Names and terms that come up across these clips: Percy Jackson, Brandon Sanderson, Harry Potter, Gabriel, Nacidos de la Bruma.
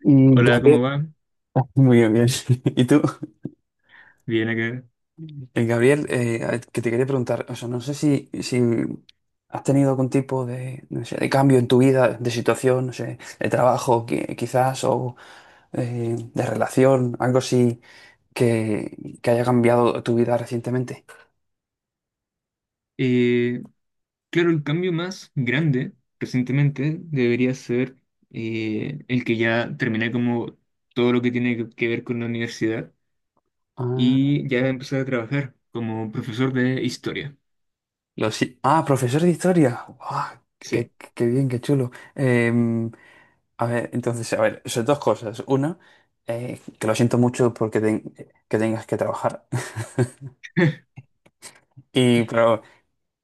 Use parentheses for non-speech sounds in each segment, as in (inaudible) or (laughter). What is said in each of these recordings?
Mm, Hola, Gabriel, ¿cómo va? muy bien, bien. (laughs) ¿Y tú? Bien acá. El Gabriel, a ver, que te quería preguntar, o sea, no sé si has tenido algún tipo de, no sé, de cambio en tu vida, de situación, no sé, de trabajo quizás, o de relación, algo así que haya cambiado tu vida recientemente. Eh, claro, el cambio más grande recientemente debería ser el que ya terminé como todo lo que tiene que ver con la universidad Ah, y ya empecé a trabajar como profesor de historia. lo sí. Ah, profesor de historia. Guau, Sí, qué bien, qué chulo. A ver, entonces, a ver, son dos cosas. Una, que lo siento mucho porque que tengas que trabajar. (laughs) Y, claro,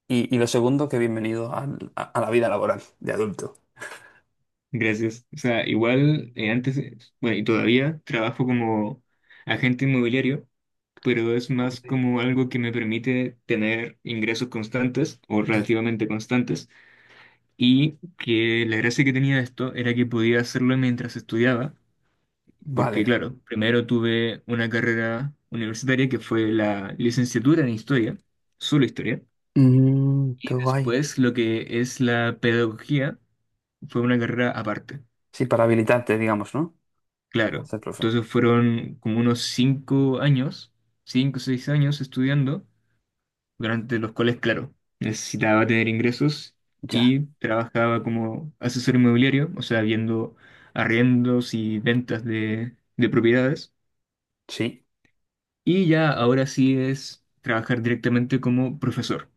y lo segundo, que bienvenido al- a la vida laboral de adulto. gracias. O sea, igual antes, bueno, y todavía trabajo como agente inmobiliario, pero es más Hombre, como algo que me permite tener ingresos constantes o ya. relativamente constantes. Y que la gracia que tenía esto era que podía hacerlo mientras estudiaba, porque Vale. claro, primero tuve una carrera universitaria que fue la licenciatura en historia, solo historia, Mm, y qué guay. después lo que es la pedagogía fue una carrera aparte, Sí, para habilitarte, digamos, ¿no? Para claro. ser profe. Entonces fueron como unos 5 años, 5 o 6 años estudiando durante los cuales, claro, necesitaba tener ingresos Ya. y trabajaba como asesor inmobiliario, o sea, viendo arriendos y ventas de propiedades. Sí. Y ya ahora sí es trabajar directamente como profesor.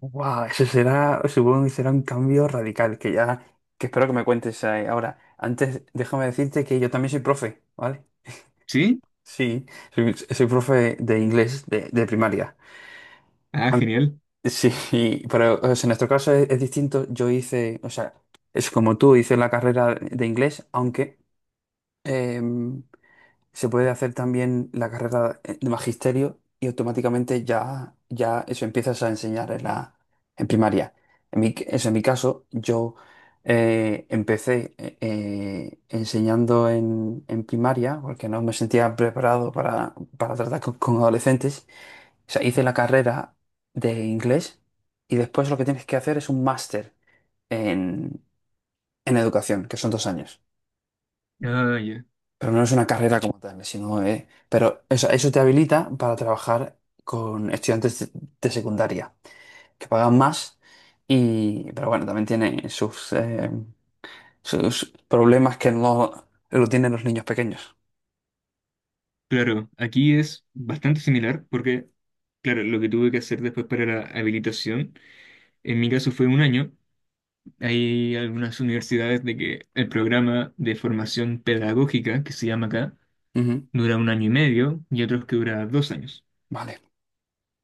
Wow, eso será, supongo que será un cambio radical, que ya, que espero que me cuentes ahora. Antes, déjame decirte que yo también soy profe, ¿vale? ¿Sí? Sí, soy profe de inglés de primaria. Ah, An- genial. (laughs) Sí, pero o sea, en nuestro caso es, distinto. Yo hice, o sea, es como tú, hice la carrera de inglés, aunque, em, se puede hacer también la carrera de magisterio y automáticamente ya eso empiezas a enseñar en primaria. Eso en mi caso, yo empecé enseñando en primaria porque no me sentía preparado para tratar con adolescentes. O sea, hice la carrera de inglés y después lo que tienes que hacer es un máster en, en educación, que son 2 años. Ah, ya. Pero no es una carrera como tal, sino, pero eso te habilita para trabajar con estudiantes de secundaria, que pagan más, y, pero bueno, también tiene sus problemas que no lo tienen los niños pequeños. Claro, aquí es bastante similar porque, claro, lo que tuve que hacer después para la habilitación, en mi caso fue 1 año. Hay algunas universidades de que el programa de formación pedagógica, que se llama acá, Ujú. dura un año y medio y otros que dura 2 años. Vale,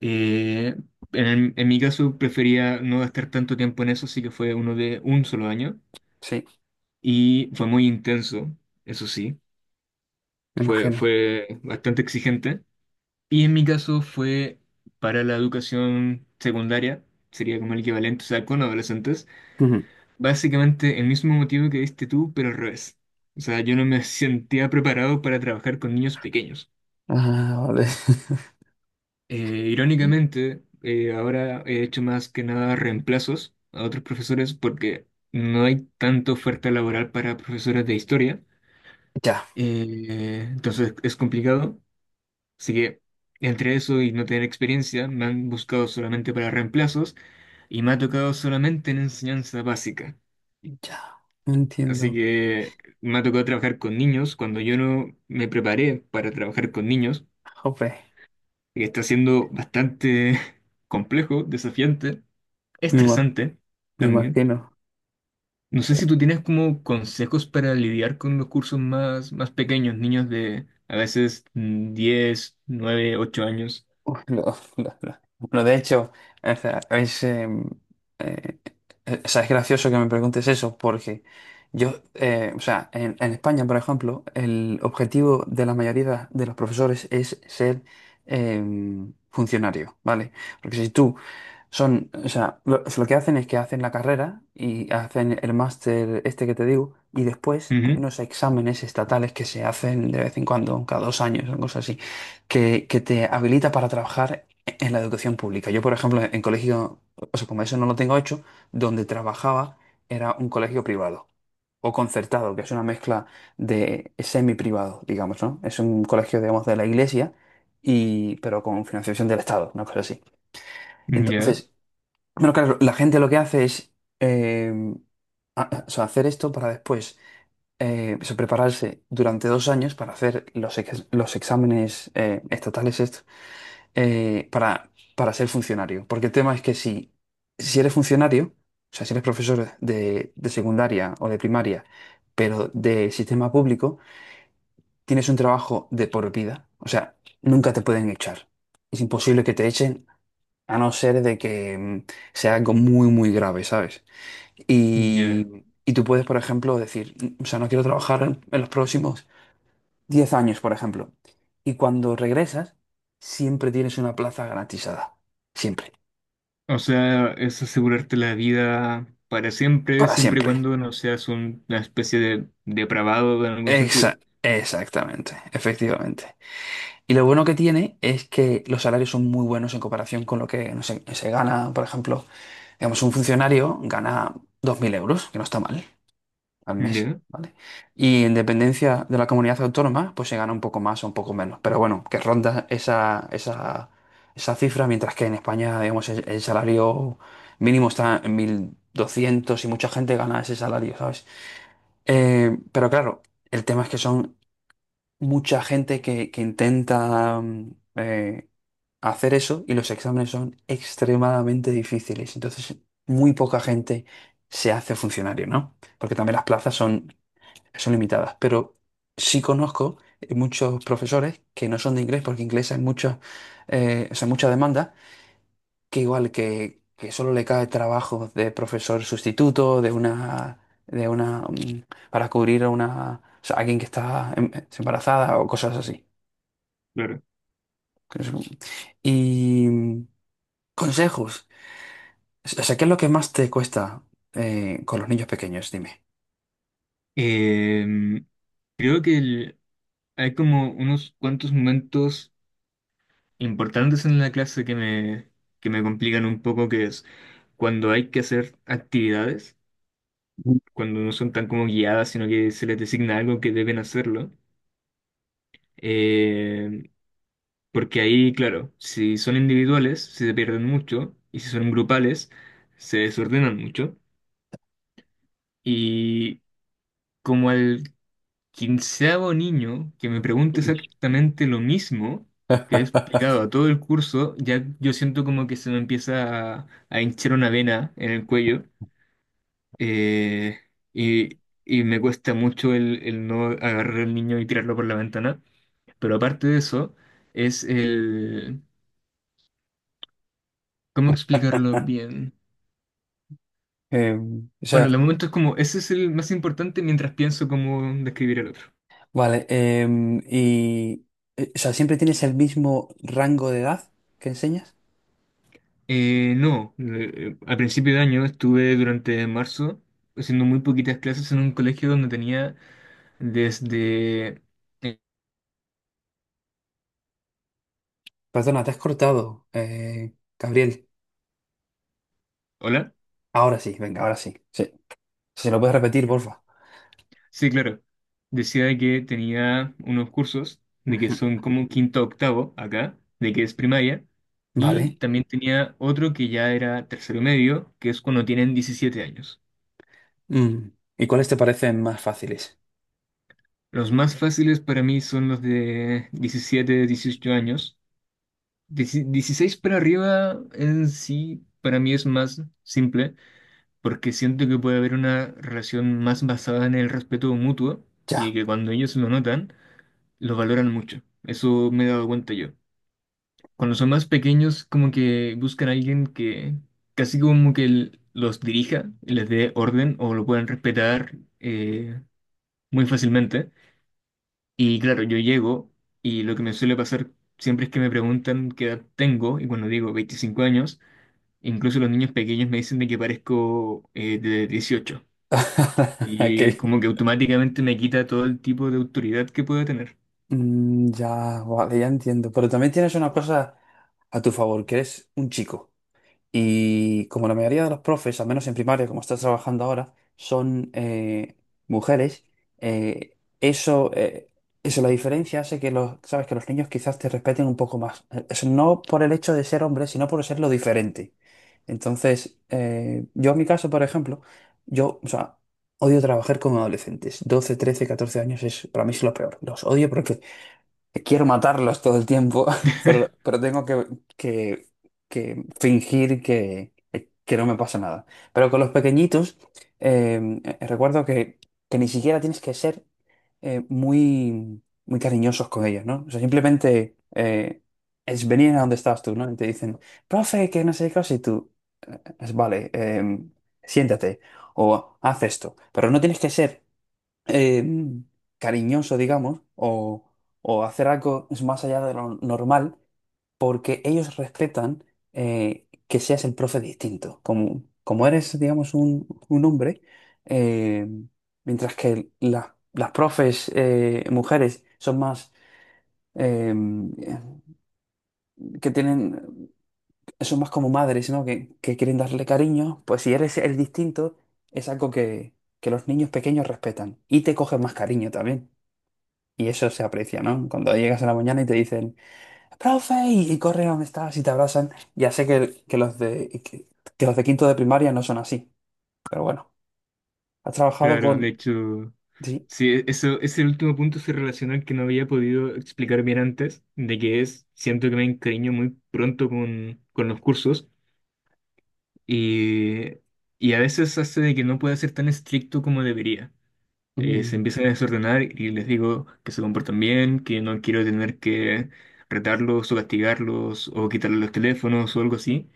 Eh, en mi caso prefería no gastar tanto tiempo en eso, así que fue uno de 1 solo año sí, y fue muy intenso, eso sí, me imagino. fue bastante exigente. Y en mi caso fue para la educación secundaria, sería como el equivalente, o sea, con adolescentes, Ujú. básicamente el mismo motivo que diste tú, pero al revés. O sea, yo no me sentía preparado para trabajar con niños pequeños. Ah, vale. (laughs) Irónicamente, ahora he hecho más que nada reemplazos a otros profesores porque no hay tanta oferta laboral para profesores de historia. Ya, Entonces es complicado. Así que entre eso y no tener experiencia, me han buscado solamente para reemplazos y me ha tocado solamente en enseñanza básica. ya, no Así entiendo. que me ha tocado trabajar con niños cuando yo no me preparé para trabajar con niños, Jope, que está siendo bastante (laughs) complejo, desafiante. me ima- Estresante me también. imagino. No sé si tú tienes como consejos para lidiar con los cursos más, más pequeños, niños de a veces 10, 9, 8 años. Uf, (laughs) Bueno, de hecho, o sea, eh, o sea, es gracioso que me preguntes eso, porque yo, o sea, en España, por ejemplo, el objetivo de la mayoría de los profesores es ser eh, funcionario, ¿vale? Porque si tú son, o sea, lo que hacen es que hacen la carrera y hacen el máster este que te digo, y después hay Ujú, unos exámenes estatales que se hacen de vez en cuando, cada 2 años, o cosas así, que te habilita para trabajar en la educación pública. Yo, por ejemplo, en colegio, o sea, como eso no lo tengo hecho, donde trabajaba era un colegio privado o concertado, que es una mezcla de semi-privado, digamos, ¿no? Es un colegio, digamos, de la iglesia, y, pero con financiación del Estado, una cosa así. ya, Entonces, bueno, claro, la gente lo que hace es eh, o sea, hacer esto para después o prepararse durante 2 años para hacer los exámenes estatales estos, para ser funcionario. Porque el tema es que si eres funcionario, o sea, si eres profesor de secundaria o de primaria, pero de sistema público, tienes un trabajo de por vida. O sea, nunca te pueden echar. Es imposible que te echen a no ser de que sea algo muy, muy grave, ¿sabes? ya. Y tú puedes, por ejemplo, decir, O sea, no quiero trabajar en, los próximos 10 años, por ejemplo. Y cuando regresas, siempre tienes una plaza garantizada. Siempre. O sea, es asegurarte la vida para siempre, Para siempre y siempre. cuando no seas un- una especie de depravado en algún sentido. Exactamente. Efectivamente. Y lo bueno que tiene es que los salarios son muy buenos en comparación con lo que no sé, se gana, por ejemplo, digamos, un funcionario gana 2.000 euros, que no está mal, al mes, Ya, ¿vale? Y en dependencia de la comunidad autónoma, pues se gana un poco más o un poco menos. Pero bueno, que ronda esa, cifra, mientras que en España, digamos, el salario mínimo está en 1.200 y mucha gente gana ese salario, ¿sabes? Pero claro, el tema es que son mucha gente que intenta hacer eso y los exámenes son extremadamente difíciles. Entonces, muy poca gente se hace funcionario, ¿no? Porque también las plazas son limitadas, pero sí conozco muchos profesores que no son de inglés, porque inglés hay mucha, o sea, mucha demanda, que igual que solo le cae trabajo de profesor sustituto, de una, mm, para cubrir a una, o sea, alguien que está embarazada o cosas así. claro. Y consejos. O sea, ¿qué es lo que más te cuesta con los niños pequeños? Dime. Em, Creo que hay como unos cuantos momentos importantes en la clase que me complican un poco, que es cuando hay que hacer actividades, cuando no son tan como guiadas, sino que se les designa algo que deben hacerlo. Eh, Porque ahí, claro, si son individuales, se pierden mucho, y si son grupales, se desordenan mucho. Y como al quinceavo niño que me pregunte exactamente lo mismo que he explicado a (laughs) todo el curso, ya yo siento como que se me empieza a hinchar una vena en el cuello eh, y, y me cuesta mucho el no agarrar al niño y tirarlo por la ventana. Pero aparte de eso, es el... ¿Cómo explicarlo bien? Eh, o sea, Bueno, de momento es como, ese es el más importante mientras pienso cómo describir el otro. Vale, y o sea, ¿siempre tienes el mismo rango de edad que enseñas? No, al principio de año estuve durante marzo haciendo muy poquitas clases en un colegio donde tenía desde... eh, Perdona, te has cortado, Gabriel. ¿Hola? Ahora sí, venga, ahora sí. Sí. Si lo puedes repetir, porfa. Sí, claro. Decía que tenía unos cursos de que Ujú. son como quinto a octavo acá, de que es primaria, (laughs) y Vale. también tenía otro que ya era tercero medio, que es cuando tienen 17 años. Mm. ¿Y cuáles te parecen más fáciles? Los más fáciles para mí son los de 17 18 años. Dieci- 16 para arriba en sí para mí es más simple porque siento que puede haber una relación más basada en el respeto mutuo y Ya. que cuando ellos lo notan, lo valoran mucho. Eso me he dado cuenta yo. Cuando son más pequeños, como que buscan a alguien que casi como que los dirija, les dé orden o lo puedan respetar muy fácilmente. Y claro, yo llego y lo que me suele pasar siempre es que me preguntan qué edad tengo y cuando digo 25 años, incluso los niños pequeños me dicen de que parezco de 18. (laughs) Qué Y bien. como que automáticamente me quita todo el tipo de autoridad que pueda tener. Mm, ya, vale, ya entiendo. Pero también tienes una cosa a tu favor, que eres un chico. Y como la mayoría de los profes, al menos en primaria, como estás trabajando ahora, son mujeres, eh, eso, eh, eso, la diferencia hace que los, sabes, que los niños quizás te respeten un poco más. Es no por el hecho de ser hombre, sino por ser lo diferente. Entonces, yo en mi caso, por ejemplo, yo, o sea, odio trabajar con adolescentes. 12, 13, 14 años es, para mí es lo peor. Los odio porque quiero matarlos todo el tiempo, (laughs) pero, (laughs) pero tengo que, que- que fingir que no me pasa nada. Pero con los pequeñitos, recuerdo que ni siquiera tienes que ser muy, muy cariñosos con ellos, ¿no? O sea, simplemente es venir a donde estás tú, ¿no? Y te dicen, profe, que no sé qué cosa, y tú, es, vale, siéntate o haz esto. Pero no tienes que ser eh, cariñoso, digamos, o, hacer algo es más allá de lo normal, porque ellos respetan que seas el profe distinto. Como eres, digamos, un hombre, eh, mientras que las profes mujeres son más, eh, que tienen, son más como madres, ¿no? Que quieren darle cariño, pues si eres el distinto, es algo que los niños pequeños respetan y te cogen más cariño también. Y eso se aprecia, ¿no? Cuando llegas a la mañana y te dicen, profe, y corren a donde estás y te abrazan. Ya sé que los de quinto de primaria no son así, pero bueno, has trabajado Claro, de con. hecho, Sí. sí, eso, ese último punto se relaciona al que no había podido explicar bien antes, de que es, siento que me encariño muy pronto con los cursos y, y a veces hace de que no pueda ser tan estricto como debería. Eh, se Mm, empiezan a desordenar y les digo que se comportan bien, que no quiero tener que retarlos o castigarlos o quitarles los teléfonos o algo así.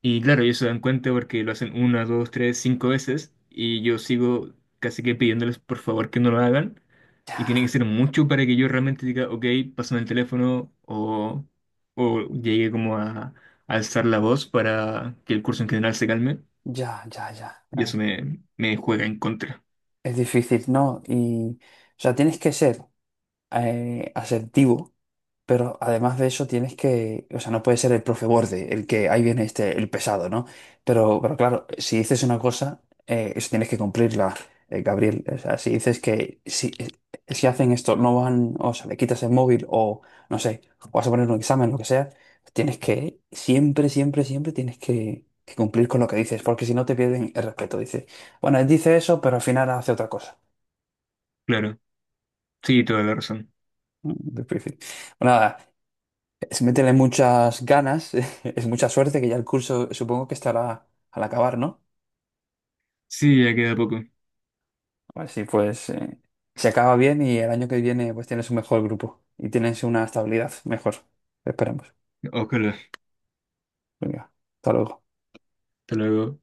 Y claro, ellos se dan cuenta porque lo hacen una, dos, tres, cinco veces y yo sigo casi que pidiéndoles por favor que no lo hagan. Y tiene que ser mucho para que yo realmente diga, ok, pásame el teléfono o llegue como a alzar la voz para que el curso en general se calme. ya, ya, ya, Y eso ya. me, me juega en contra. Es difícil, ¿no? Y, o sea, tienes que ser asertivo. Pero además de eso tienes que, o sea, no puede ser el profe borde, el que ahí viene este, el pesado, ¿no? Pero claro, si dices una cosa, eso tienes que cumplirla, Gabriel. O sea, si dices que si hacen esto, no van, o sea, le quitas el móvil o, no sé, vas a poner un examen, lo que sea, tienes que, siempre, siempre, siempre tienes que cumplir con lo que dices, porque si no te pierden el respeto. Dices, bueno, él dice eso, pero al final hace otra cosa. (laughs) Claro, sí, toda la razón. Difícil. Bueno, nada. Es meterle muchas ganas, (laughs) es mucha suerte que ya el curso supongo que estará al acabar, ¿no? Sí, ya queda poco. Así pues, se acaba bien y el año que viene pues tienes un mejor grupo y tienes una estabilidad mejor. Esperemos. Ojalá. Venga, hasta luego. Hasta luego.